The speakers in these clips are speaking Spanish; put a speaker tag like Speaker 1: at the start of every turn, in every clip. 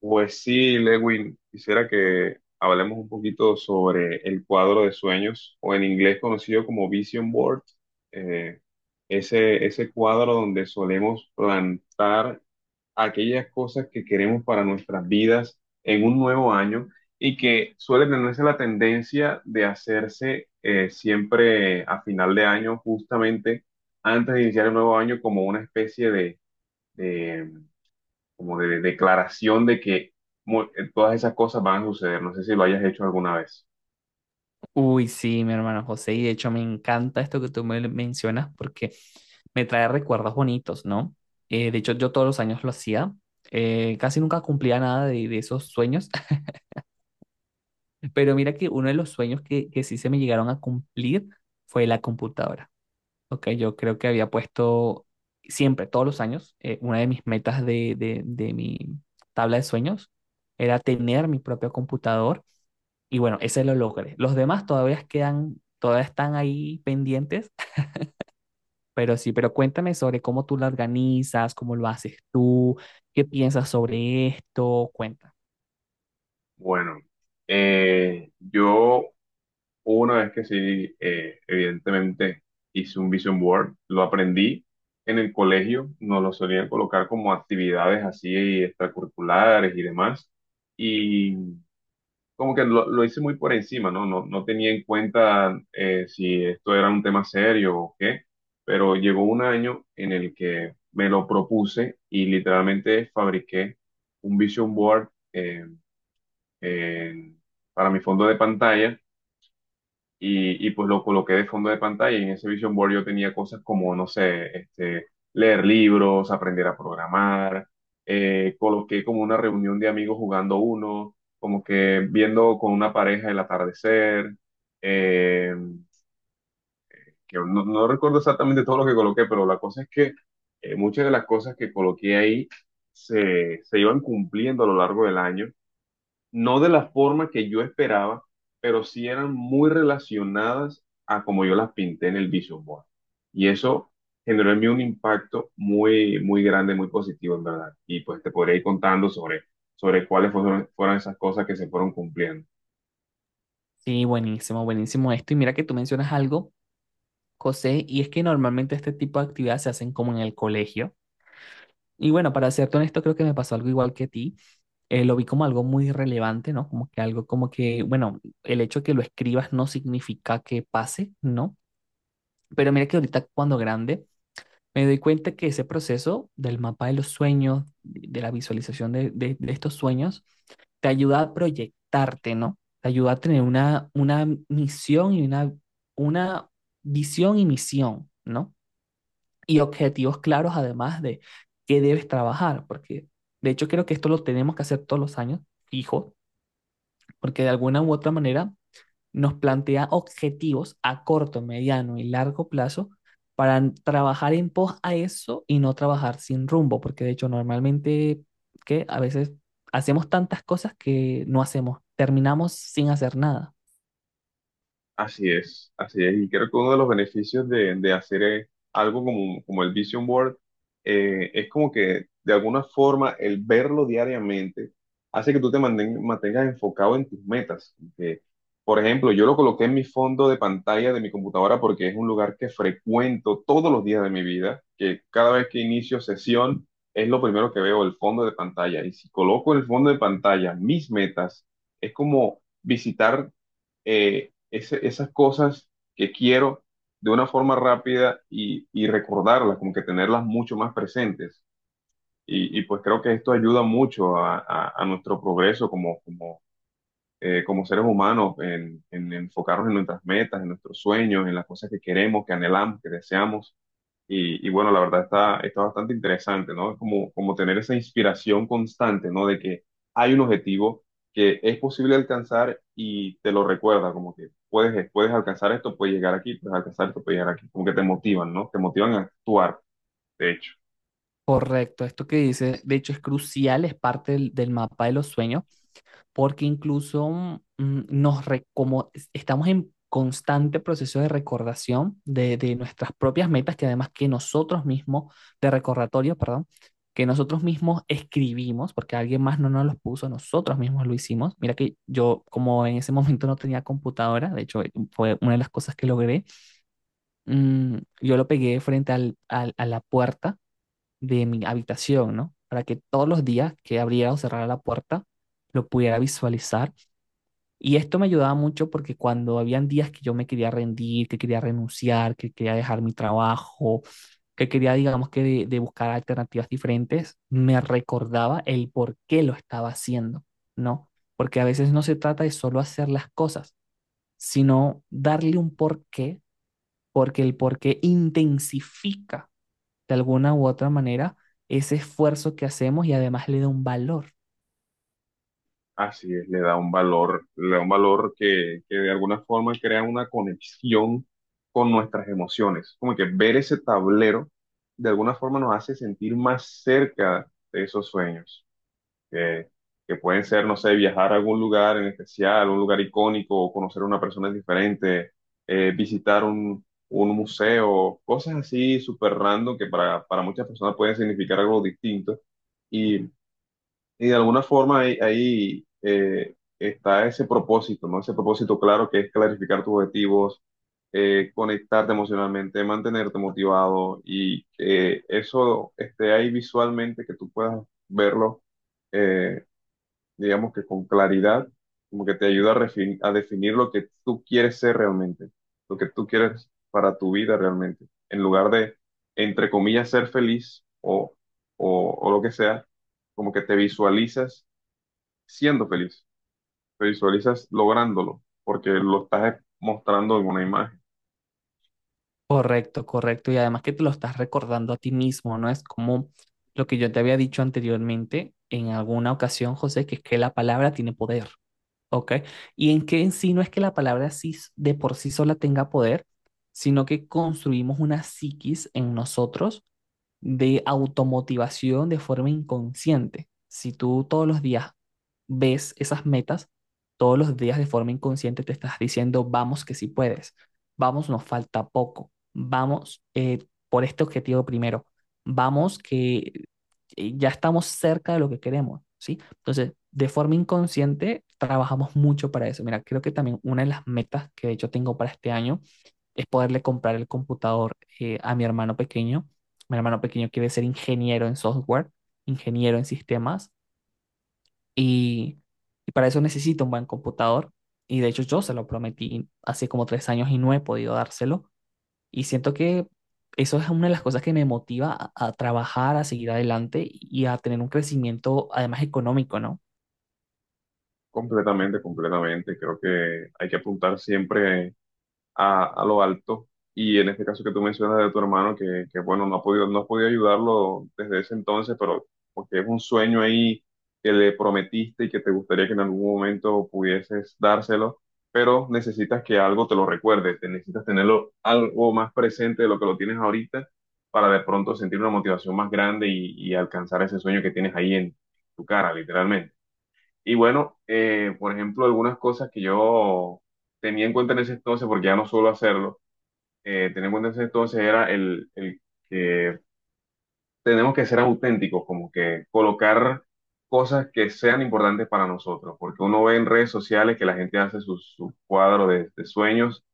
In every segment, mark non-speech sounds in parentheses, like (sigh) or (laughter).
Speaker 1: Pues sí, Lewin, quisiera que hablemos un poquito sobre el cuadro de sueños, o en inglés conocido como Vision Board, eh, ese cuadro donde solemos plantar aquellas cosas que queremos para nuestras vidas en un nuevo año y que suele tenerse la tendencia de hacerse siempre a final de año, justamente antes de iniciar el nuevo año, como una especie de, como de declaración de que todas esas cosas van a suceder. No sé si lo hayas hecho alguna vez.
Speaker 2: Uy, sí, mi hermano José, y de hecho me encanta esto que tú me mencionas porque me trae recuerdos bonitos, ¿no? De hecho, yo todos los años lo hacía, casi nunca cumplía nada de esos sueños, (laughs) pero mira que uno de los sueños que sí se me llegaron a cumplir fue la computadora, ¿ok? Yo creo que había puesto siempre, todos los años, una de mis metas de mi tabla de sueños era tener mi propio computador y bueno, ese lo logré. Los demás todavía quedan, todavía están ahí pendientes, (laughs) pero sí, pero cuéntame sobre cómo tú la organizas, cómo lo haces tú, qué piensas sobre esto, cuenta.
Speaker 1: Bueno, yo hubo una vez que sí, evidentemente hice un vision board, lo aprendí en el colegio, nos lo solían colocar como actividades así extracurriculares y demás. Como que lo hice muy por encima, ¿no? No tenía en cuenta si esto era un tema serio o qué, pero llegó un año en el que me lo propuse y literalmente fabriqué un vision board en- para mi fondo de pantalla y pues lo coloqué de fondo de pantalla y en ese Vision Board yo tenía cosas como, no sé, este, leer libros, aprender a programar, coloqué como una reunión de amigos jugando uno, como que viendo con una pareja el atardecer, eh, que no recuerdo exactamente todo lo que coloqué, pero la cosa es que muchas de las cosas que coloqué ahí se iban cumpliendo a lo largo del año, no de la forma que yo esperaba, pero sí eran muy relacionadas a como yo las pinté en el Vision Board. Y eso generó en mí un impacto muy, muy grande, muy positivo, en verdad. Y pues te podría ir contando sobre, sobre cuáles fueron esas cosas que se fueron cumpliendo.
Speaker 2: Sí, buenísimo, buenísimo esto. Y mira que tú mencionas algo, José, y es que normalmente este tipo de actividades se hacen como en el colegio. Y bueno, para serte honesto, creo que me pasó algo igual que a ti. Lo vi como algo muy relevante, ¿no? Como que algo como que, bueno, el hecho de que lo escribas no significa que pase, ¿no? Pero mira que ahorita cuando grande me doy cuenta que ese proceso del mapa de los sueños, de la visualización de estos sueños, te ayuda a proyectarte, ¿no? Te ayuda a tener una misión y una visión y misión, ¿no? Y objetivos claros, además de qué debes trabajar, porque de hecho creo que esto lo tenemos que hacer todos los años, fijo, porque de alguna u otra manera nos plantea objetivos a corto, mediano y largo plazo para trabajar en pos a eso y no trabajar sin rumbo, porque de hecho normalmente que a veces hacemos tantas cosas que no hacemos, terminamos sin hacer nada.
Speaker 1: Así es, así es. Y creo que uno de los beneficios de hacer algo como el Vision Board, es como que de alguna forma el verlo diariamente hace que tú te mantengas enfocado en tus metas. Que, por ejemplo, yo lo coloqué en mi fondo de pantalla de mi computadora porque es un lugar que frecuento todos los días de mi vida, que cada vez que inicio sesión es lo primero que veo, el fondo de pantalla. Y si coloco en el fondo de pantalla mis metas, es como visitar esas cosas que quiero de una forma rápida y recordarlas, como que tenerlas mucho más presentes. Y pues creo que esto ayuda mucho a nuestro progreso como como seres humanos en enfocarnos en nuestras metas, en nuestros sueños, en las cosas que queremos, que anhelamos, que deseamos. Y bueno, la verdad está bastante interesante, ¿no? Es como tener esa inspiración constante, ¿no? De que hay un objetivo que es posible alcanzar y te lo recuerda, como que puedes, puedes alcanzar esto, puedes llegar aquí, puedes alcanzar esto, puedes llegar aquí. Como que te motivan, ¿no? Te motivan a actuar, de hecho.
Speaker 2: Correcto, esto que dice, de hecho es crucial, es parte del mapa de los sueños, porque incluso nos re- como es- estamos en constante proceso de recordación de nuestras propias metas, que además que nosotros mismos, de recordatorio, perdón, que nosotros mismos escribimos, porque alguien más no nos los puso, nosotros mismos lo hicimos. Mira que yo, como en ese momento no tenía computadora, de hecho fue una de las cosas que logré, yo lo pegué frente a la puerta de mi habitación, ¿no? Para que todos los días que abriera o cerrara la puerta, lo pudiera visualizar y esto me ayudaba mucho porque cuando habían días que yo me quería rendir, que quería renunciar, que quería dejar mi trabajo, que quería, digamos que, de buscar alternativas diferentes, me recordaba el por qué lo estaba haciendo, ¿no? Porque a veces no se trata de solo hacer las cosas, sino darle un porqué, porque el porqué intensifica de alguna u otra manera ese esfuerzo que hacemos y además le da un valor.
Speaker 1: Así es, le da un valor, le da un valor que de alguna forma crea una conexión con nuestras emociones. Como que ver ese tablero de alguna forma nos hace sentir más cerca de esos sueños. que, que pueden ser, no sé, viajar a algún lugar en especial, un lugar icónico, o conocer a una persona diferente, visitar un museo, cosas así súper random que para muchas personas pueden significar algo distinto. Y, y de alguna forma ahí está ese propósito, ¿no? Ese propósito claro que es clarificar tus objetivos, conectarte emocionalmente, mantenerte motivado y eso esté ahí visualmente, que tú puedas verlo, eh, digamos que con claridad, como que te ayuda a a definir lo que tú quieres ser realmente, lo que tú quieres para tu vida realmente, en lugar de, entre comillas, ser feliz o lo que sea, como que te visualizas siendo feliz, te visualizas lográndolo, porque lo estás mostrando en una imagen.
Speaker 2: Correcto, correcto. Y además que te lo estás recordando a ti mismo, ¿no? Es como lo que yo te había dicho anteriormente en alguna ocasión, José, que es que la palabra tiene poder, ¿ok? Y en que en sí no es que la palabra sí de por sí sola tenga poder, sino que construimos una psiquis en nosotros de automotivación de forma inconsciente. Si tú todos los días ves esas metas, todos los días de forma inconsciente te estás diciendo, vamos que sí puedes, vamos, nos falta poco, vamos por este objetivo primero, vamos que ya estamos cerca de lo que queremos, ¿sí? Entonces, de forma inconsciente trabajamos mucho para eso. Mira, creo que también una de las metas que de hecho tengo para este año es poderle comprar el computador a mi hermano pequeño. Mi hermano pequeño quiere ser ingeniero en software, ingeniero en sistemas, y, y para eso necesito un buen computador. Y de hecho yo se lo prometí hace como 3 años y no he podido dárselo. Y siento que eso es una de las cosas que me motiva a trabajar, a seguir adelante y a tener un crecimiento además económico, ¿no?
Speaker 1: Completamente, completamente. Creo que hay que apuntar siempre a lo alto. Y en este caso que tú mencionas de tu hermano, bueno, no ha podido, no has podido ayudarlo desde ese entonces, pero porque es un sueño ahí que le prometiste y que te gustaría que en algún momento pudieses dárselo, pero necesitas que algo te lo recuerde, te necesitas tenerlo algo más presente de lo que lo tienes ahorita para de pronto sentir una motivación más grande y alcanzar ese sueño que tienes ahí en tu cara, literalmente. Y bueno, por ejemplo, algunas cosas que yo tenía en cuenta en ese entonces, porque ya no suelo hacerlo, tenía en cuenta en ese entonces era el que tenemos que ser auténticos, como que colocar cosas que sean importantes para nosotros, porque uno ve en redes sociales que la gente hace sus cuadros de sueños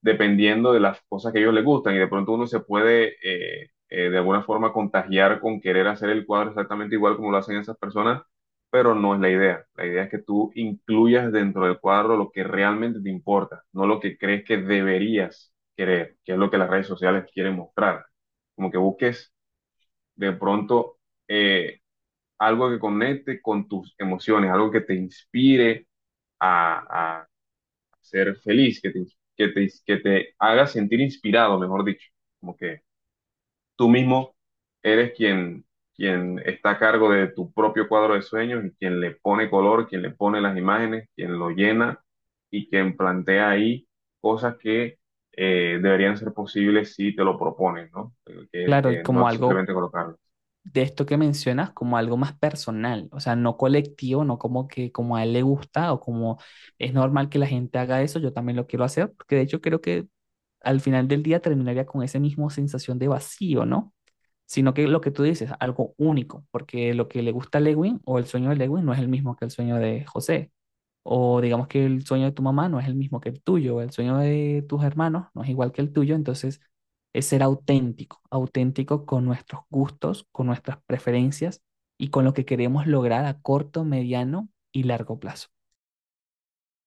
Speaker 1: dependiendo de las cosas que a ellos les gustan y de pronto uno se puede de alguna forma contagiar con querer hacer el cuadro exactamente igual como lo hacen esas personas, pero no es la idea. La idea es que tú incluyas dentro del cuadro lo que realmente te importa, no lo que crees que deberías querer, que es lo que las redes sociales quieren mostrar. Como que busques de pronto eh, algo que conecte con tus emociones, algo que te inspire a ser feliz, que te haga sentir inspirado, mejor dicho, como que tú mismo eres quien está a cargo de tu propio cuadro de sueños y quien le pone color, quien le pone las imágenes, quien lo llena y quien plantea ahí cosas que deberían ser posibles si te lo propones, ¿no?
Speaker 2: Claro, y
Speaker 1: Que no
Speaker 2: como
Speaker 1: es
Speaker 2: algo
Speaker 1: simplemente colocarlo.
Speaker 2: de esto que mencionas como algo más personal, o sea, no colectivo, no como que como a él le gusta o como es normal que la gente haga eso, yo también lo quiero hacer, porque de hecho creo que al final del día terminaría con esa misma sensación de vacío, ¿no? Sino que lo que tú dices, algo único, porque lo que le gusta a Lewin o el sueño de Lewin no es el mismo que el sueño de José. O digamos que el sueño de tu mamá no es el mismo que el tuyo, el sueño de tus hermanos no es igual que el tuyo, entonces es ser auténtico, auténtico con nuestros gustos, con nuestras preferencias y con lo que queremos lograr a corto, mediano y largo plazo.